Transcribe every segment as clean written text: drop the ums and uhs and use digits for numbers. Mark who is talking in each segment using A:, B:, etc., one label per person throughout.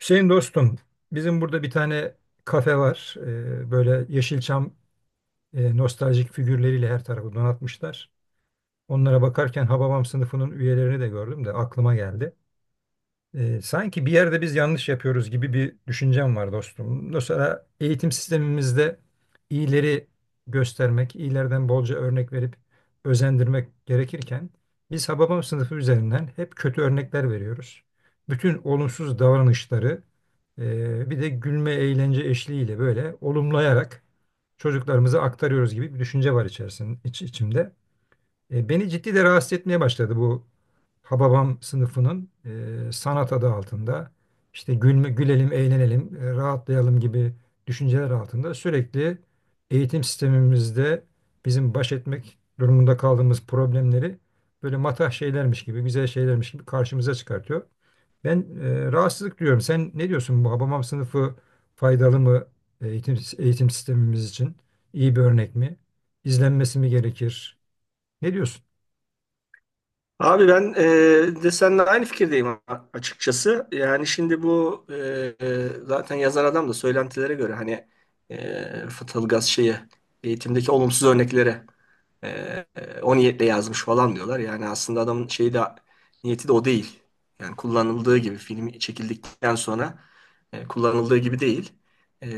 A: Hüseyin dostum, bizim burada bir tane kafe var. Böyle Yeşilçam nostaljik figürleriyle her tarafı donatmışlar. Onlara bakarken Hababam sınıfının üyelerini de gördüm de aklıma geldi. Sanki bir yerde biz yanlış yapıyoruz gibi bir düşüncem var dostum. Mesela eğitim sistemimizde iyileri göstermek, iyilerden bolca örnek verip özendirmek gerekirken biz Hababam sınıfı üzerinden hep kötü örnekler veriyoruz. Bütün olumsuz davranışları bir de gülme eğlence eşliğiyle böyle olumlayarak çocuklarımıza aktarıyoruz gibi bir düşünce var içerisinde, içimde. Beni ciddi de rahatsız etmeye başladı bu Hababam sınıfının sanat adı altında işte gülme, gülelim, eğlenelim, rahatlayalım gibi düşünceler altında sürekli eğitim sistemimizde bizim baş etmek durumunda kaldığımız problemleri böyle matah şeylermiş gibi, güzel şeylermiş gibi karşımıza çıkartıyor. Ben rahatsızlık duyuyorum. Sen ne diyorsun bu Hababam sınıfı faydalı mı eğitim sistemimiz için? İyi bir örnek mi? İzlenmesi mi gerekir? Ne diyorsun?
B: Abi ben de seninle aynı fikirdeyim açıkçası. Yani şimdi bu zaten yazar adam da söylentilere göre hani Fıtılgaz şeyi eğitimdeki olumsuz örneklere e, o niyetle yazmış falan diyorlar. Yani aslında adamın şeyi de niyeti de o değil. Yani kullanıldığı gibi film çekildikten sonra kullanıldığı gibi değil. E,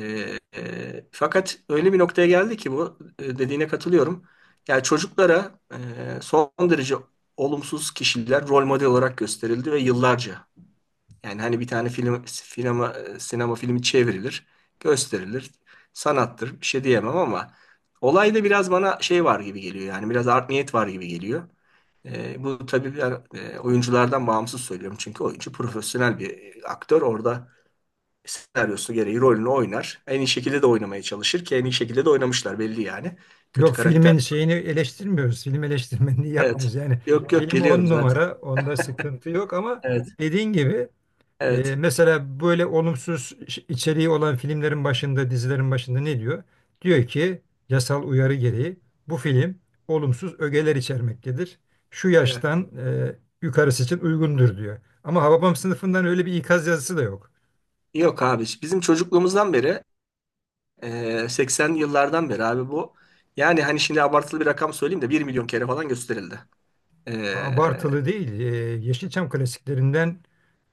B: Fakat öyle bir noktaya geldi ki bu, dediğine katılıyorum. Yani çocuklara son derece olumsuz kişiler rol model olarak gösterildi ve yıllarca. Yani hani bir tane film, sinema, sinema filmi çevrilir, gösterilir. Sanattır, bir şey diyemem ama olayda biraz bana şey var gibi geliyor. Yani biraz art niyet var gibi geliyor. Bu tabii ben oyunculardan bağımsız söylüyorum. Çünkü oyuncu profesyonel bir aktör. Orada senaryosu gereği rolünü oynar. En iyi şekilde de oynamaya çalışır ki en iyi şekilde de oynamışlar belli yani. Kötü
A: Yok
B: karakter.
A: filmin şeyini eleştirmiyoruz. Film eleştirmenliği
B: Evet.
A: yapmıyoruz. Yani
B: Yok yok,
A: film
B: geliyorum
A: on
B: zaten.
A: numara, onda sıkıntı yok ama
B: Evet.
A: dediğin gibi
B: Evet.
A: mesela böyle olumsuz içeriği olan filmlerin başında, dizilerin başında ne diyor? Diyor ki yasal uyarı gereği bu film olumsuz ögeler içermektedir. Şu
B: Evet.
A: yaştan yukarısı için uygundur diyor. Ama Hababam sınıfından öyle bir ikaz yazısı da yok.
B: Yok abi, bizim çocukluğumuzdan beri, 80'li yıllardan beri abi bu. Yani hani şimdi abartılı bir rakam söyleyeyim de bir milyon kere falan gösterildi. E,
A: Abartılı değil. Yeşilçam klasiklerinden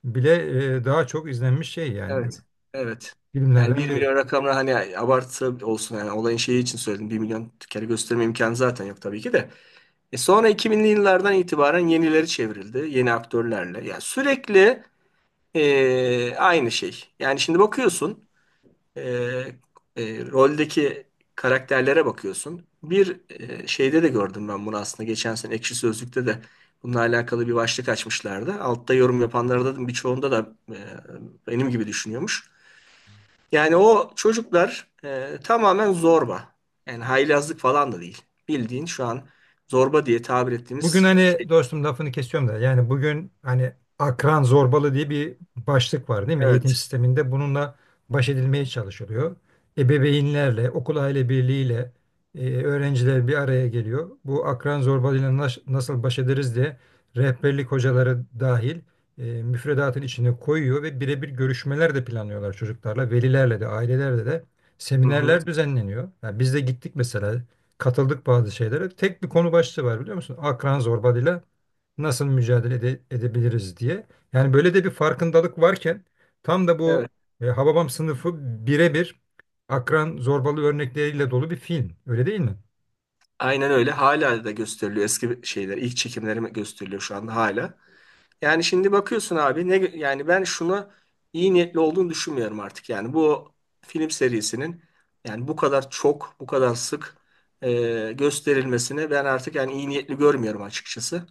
A: bile daha çok izlenmiş şey yani.
B: evet. Evet. Yani
A: Filmlerden
B: bir
A: biri.
B: milyon rakamına hani abartı olsun yani olayın şeyi için söyledim. Bir milyon kere gösterme imkanı zaten yok tabii ki de. E sonra 2000'li yıllardan itibaren yenileri çevrildi. Yeni aktörlerle. Yani sürekli aynı şey. Yani şimdi bakıyorsun, e, roldeki karakterlere bakıyorsun. Bir şeyde de gördüm ben bunu, aslında geçen sene Ekşi Sözlük'te de bununla alakalı bir başlık açmışlardı. Altta yorum yapanlara da, birçoğunda da benim gibi düşünüyormuş. Yani o çocuklar tamamen zorba. Yani haylazlık falan da değil. Bildiğin şu an zorba diye tabir
A: Bugün
B: ettiğimiz
A: hani
B: şey.
A: dostum lafını kesiyorum da yani bugün hani akran zorbalığı diye bir başlık var değil mi? Eğitim
B: Evet.
A: sisteminde bununla baş edilmeye çalışılıyor. Ebeveynlerle, okul aile birliğiyle öğrenciler bir araya geliyor. Bu akran zorbalığıyla nasıl baş ederiz diye rehberlik hocaları dahil müfredatın içine koyuyor ve birebir görüşmeler de planlıyorlar çocuklarla, velilerle de, ailelerle de
B: Hı hı.
A: seminerler düzenleniyor. Yani biz de gittik mesela katıldık bazı şeylere. Tek bir konu başlığı var biliyor musun? Akran zorbalığıyla nasıl mücadele edebiliriz diye. Yani böyle de bir farkındalık varken tam da bu
B: Evet.
A: Hababam sınıfı birebir akran zorbalığı örnekleriyle dolu bir film. Öyle değil mi?
B: Aynen öyle. Hala da gösteriliyor eski şeyler. İlk çekimleri gösteriliyor şu anda hala. Yani şimdi bakıyorsun abi ne yani, ben şunu iyi niyetli olduğunu düşünmüyorum artık. Yani bu film serisinin, yani bu kadar çok, bu kadar sık gösterilmesini ben artık yani iyi niyetli görmüyorum açıkçası.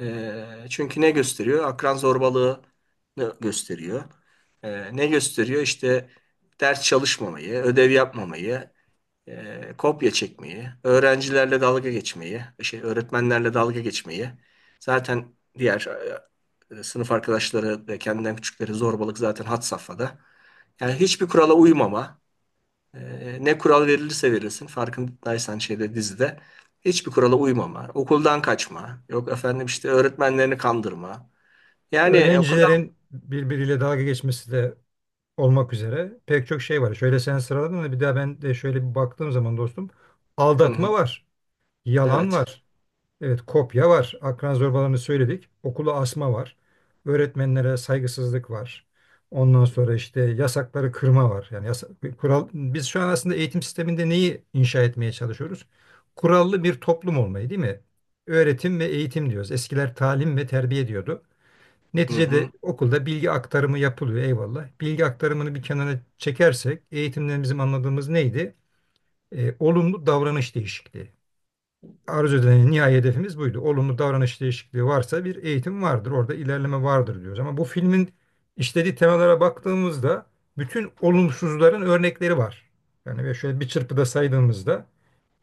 B: E, çünkü ne gösteriyor? Akran zorbalığını gösteriyor. E, ne gösteriyor? İşte ders çalışmamayı, ödev yapmamayı, kopya çekmeyi, öğrencilerle dalga geçmeyi, şey, öğretmenlerle dalga geçmeyi. Zaten diğer sınıf arkadaşları ve kendinden küçükleri zorbalık zaten had safhada. Yani hiçbir kurala uymama. Ne kural verilirse verilsin, farkındaysan şeyde, dizide, hiçbir kurala uymama. Okuldan kaçma. Yok efendim işte öğretmenlerini kandırma. Yani o kadar...
A: Öğrencilerin birbiriyle dalga geçmesi de olmak üzere pek çok şey var. Şöyle sen sıraladın da bir daha ben de şöyle bir baktığım zaman dostum
B: Hı
A: aldatma
B: hı,
A: var, yalan
B: evet.
A: var. Evet, kopya var. Akran zorbalarını söyledik. Okula asma var. Öğretmenlere saygısızlık var. Ondan sonra işte yasakları kırma var. Yani kural biz şu an aslında eğitim sisteminde neyi inşa etmeye çalışıyoruz? Kurallı bir toplum olmayı, değil mi? Öğretim ve eğitim diyoruz. Eskiler talim ve terbiye diyordu.
B: Hı
A: Neticede
B: hı,
A: okulda bilgi aktarımı yapılıyor eyvallah. Bilgi aktarımını bir kenara çekersek eğitimden bizim anladığımız neydi? Olumlu davranış değişikliği arzu edilen nihai hedefimiz buydu. Olumlu davranış değişikliği varsa bir eğitim vardır. Orada ilerleme vardır diyoruz. Ama bu filmin işlediği temalara baktığımızda bütün olumsuzların örnekleri var. Yani ve şöyle bir çırpıda saydığımızda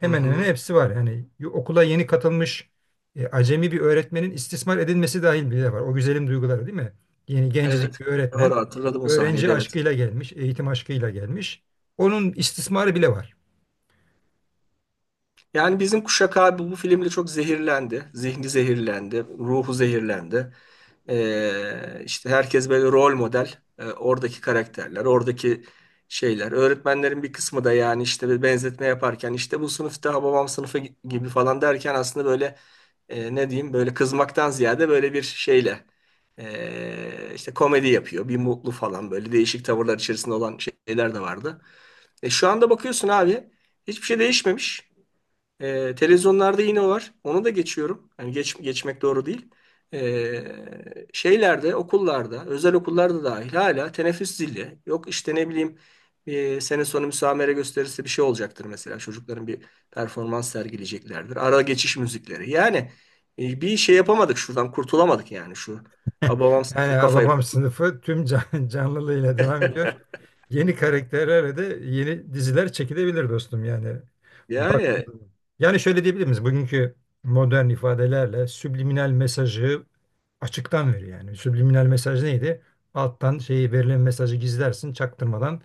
B: hı
A: hemen
B: hı,
A: hepsi var. Yani okula yeni katılmış acemi bir öğretmenin istismar edilmesi dahil bile var. O güzelim duyguları değil mi? Yeni
B: evet.
A: gencecik bir öğretmen
B: Doğru hatırladım o sahneyi
A: öğrenci
B: de, evet.
A: aşkıyla gelmiş, eğitim aşkıyla gelmiş. Onun istismarı bile var.
B: Yani bizim kuşak abi bu filmle çok zehirlendi. Zihni zehirlendi, ruhu zehirlendi. İşte herkes böyle rol model. Oradaki karakterler, oradaki şeyler. Öğretmenlerin bir kısmı da, yani işte bir benzetme yaparken işte bu sınıfta babam sınıfı gibi falan derken, aslında böyle ne diyeyim, böyle kızmaktan ziyade böyle bir şeyle işte komedi yapıyor. Bir mutlu falan, böyle değişik tavırlar içerisinde olan şeyler de vardı. E, şu anda bakıyorsun abi, hiçbir şey değişmemiş. Televizyonlarda yine var. Onu da geçiyorum. Yani geçmek doğru değil. Şeylerde, okullarda, özel okullarda dahil hala teneffüs zili. Yok işte ne bileyim, sene sonu müsamere gösterisi bir şey olacaktır mesela. Çocukların bir performans sergileyeceklerdir. Ara geçiş müzikleri. Yani bir şey yapamadık, şuradan kurtulamadık yani şu. Babam
A: Yani
B: kafayı.
A: Hababam sınıfı tüm canlılığıyla devam ediyor. Yeni karakterlerle de yeni diziler çekilebilir dostum yani. Bak
B: Yani
A: yani şöyle diyebilir miyiz? Bugünkü modern ifadelerle subliminal mesajı açıktan veriyor yani. Subliminal mesaj neydi? Alttan şeyi verilen mesajı gizlersin, çaktırmadan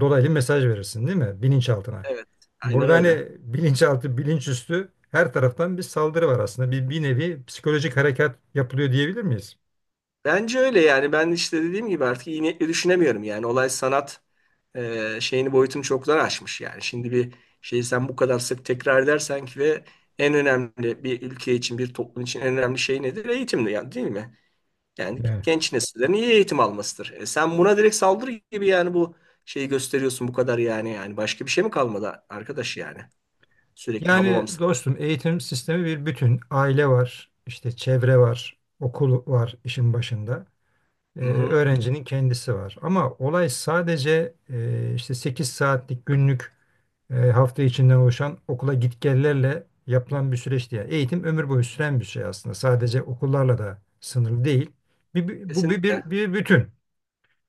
A: dolaylı mesaj verirsin değil mi? Bilinçaltına.
B: evet, aynen
A: Burada
B: öyle.
A: hani bilinçaltı, bilinçüstü her taraftan bir saldırı var aslında. Bir nevi psikolojik harekat yapılıyor diyebilir miyiz?
B: Bence öyle yani, ben işte dediğim gibi artık iyi niyetle düşünemiyorum, yani olay sanat şeyini, boyutunu çoktan aşmış yani. Şimdi bir şeyi sen bu kadar sık tekrar edersen ki, ve en önemli, bir ülke için, bir toplum için en önemli şey nedir? Eğitimdir yani, değil mi? Yani
A: Yani.
B: genç nesillerin iyi eğitim almasıdır. E, sen buna direkt saldırı gibi yani bu şeyi gösteriyorsun bu kadar, yani yani başka bir şey mi kalmadı arkadaş yani, sürekli hababam.
A: Yani dostum eğitim sistemi bir bütün. Aile var, işte çevre var, okul var işin başında.
B: Hı hı.
A: Öğrencinin kendisi var. Ama olay sadece işte 8 saatlik günlük hafta içinden oluşan okula gitgellerle yapılan bir süreç değil. Yani eğitim ömür boyu süren bir şey aslında. Sadece okullarla da sınırlı değil. Bu
B: Kesinlikle.
A: bir bütün.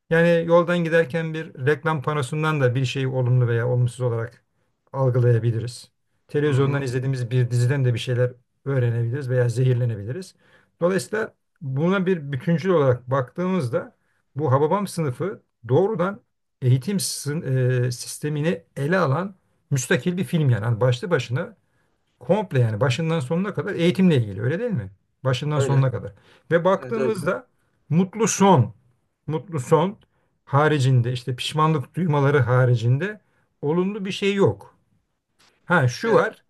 A: Yani yoldan giderken bir reklam panosundan da bir şeyi olumlu veya olumsuz olarak algılayabiliriz.
B: Hı
A: Televizyondan
B: hı.
A: izlediğimiz bir diziden de bir şeyler öğrenebiliriz veya zehirlenebiliriz. Dolayısıyla buna bir bütüncül olarak baktığımızda bu Hababam sınıfı doğrudan eğitim sistemini ele alan müstakil bir film yani. Hani başlı başına komple yani başından sonuna kadar eğitimle ilgili öyle değil mi? Başından
B: Öyle.
A: sonuna kadar. Ve
B: Evet öyle.
A: baktığımızda mutlu son, mutlu son haricinde işte pişmanlık duymaları haricinde olumlu bir şey yok. Ha şu
B: Evet.
A: var.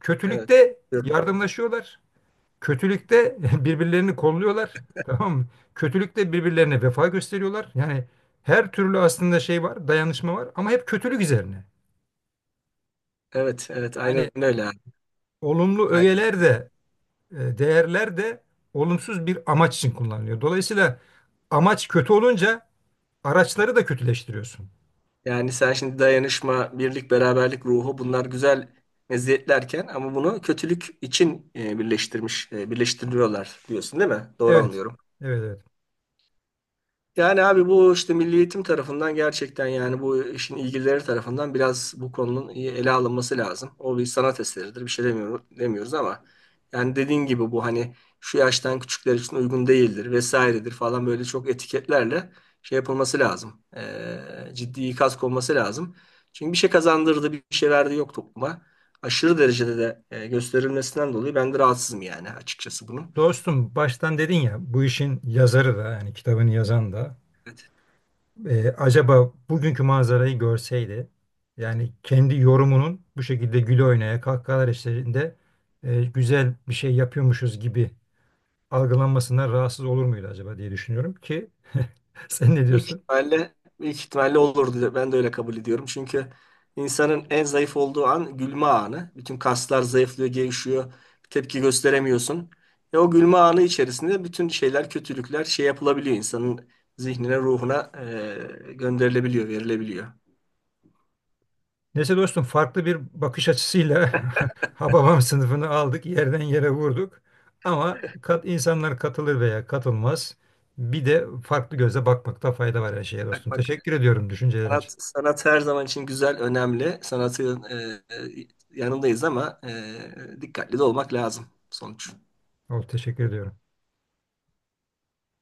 A: Kötülükte
B: Evet.
A: yardımlaşıyorlar. Kötülükte birbirlerini kolluyorlar. Tamam mı? Kötülükte birbirlerine vefa gösteriyorlar. Yani her türlü aslında şey var, dayanışma var ama hep kötülük üzerine.
B: Evet, evet,
A: Yani
B: aynen öyle abi.
A: olumlu
B: Aynen.
A: öğeler de değerler de olumsuz bir amaç için kullanılıyor. Dolayısıyla amaç kötü olunca araçları da kötüleştiriyorsun.
B: Yani sen şimdi dayanışma, birlik, beraberlik ruhu, bunlar güzel meziyetlerken, ama bunu kötülük için birleştiriyorlar diyorsun, değil mi? Doğru
A: Evet,
B: anlıyorum.
A: evet, evet.
B: Yani abi bu işte Milli Eğitim tarafından, gerçekten yani bu işin ilgilileri tarafından biraz bu konunun iyi ele alınması lazım. O bir sanat eseridir, bir şey demiyoruz ama yani dediğin gibi bu hani şu yaştan küçükler için uygun değildir vesairedir falan, böyle çok etiketlerle şey yapılması lazım. Ciddi ikaz konması lazım. Çünkü bir şey kazandırdı, bir şey verdi yok topluma. Aşırı derecede de gösterilmesinden dolayı ben de rahatsızım yani açıkçası bunun.
A: Dostum baştan dedin ya bu işin yazarı da yani kitabını yazan da acaba bugünkü manzarayı görseydi yani kendi yorumunun bu şekilde güle oynaya kahkahalar eşliğinde güzel bir şey yapıyormuşuz gibi algılanmasından rahatsız olur muydu acaba diye düşünüyorum ki sen ne
B: Büyük
A: diyorsun?
B: ihtimalle, büyük ihtimalle olurdu. Ben de öyle kabul ediyorum. Çünkü insanın en zayıf olduğu an gülme anı. Bütün kaslar zayıflıyor, gevşiyor. Tepki gösteremiyorsun. E, o gülme anı içerisinde bütün şeyler, kötülükler şey yapılabiliyor. İnsanın zihnine, ruhuna gönderilebiliyor, verilebiliyor.
A: Neyse dostum farklı bir bakış açısıyla Hababam sınıfını aldık, yerden yere vurduk. Ama insanlar katılır veya katılmaz. Bir de farklı gözle bakmakta fayda var her şeye
B: Bak
A: dostum.
B: bak
A: Teşekkür ediyorum düşüncelerin için.
B: sanat her zaman için güzel, önemli. Sanatın yanındayız, ama dikkatli de olmak lazım sonuç.
A: Teşekkür ediyorum.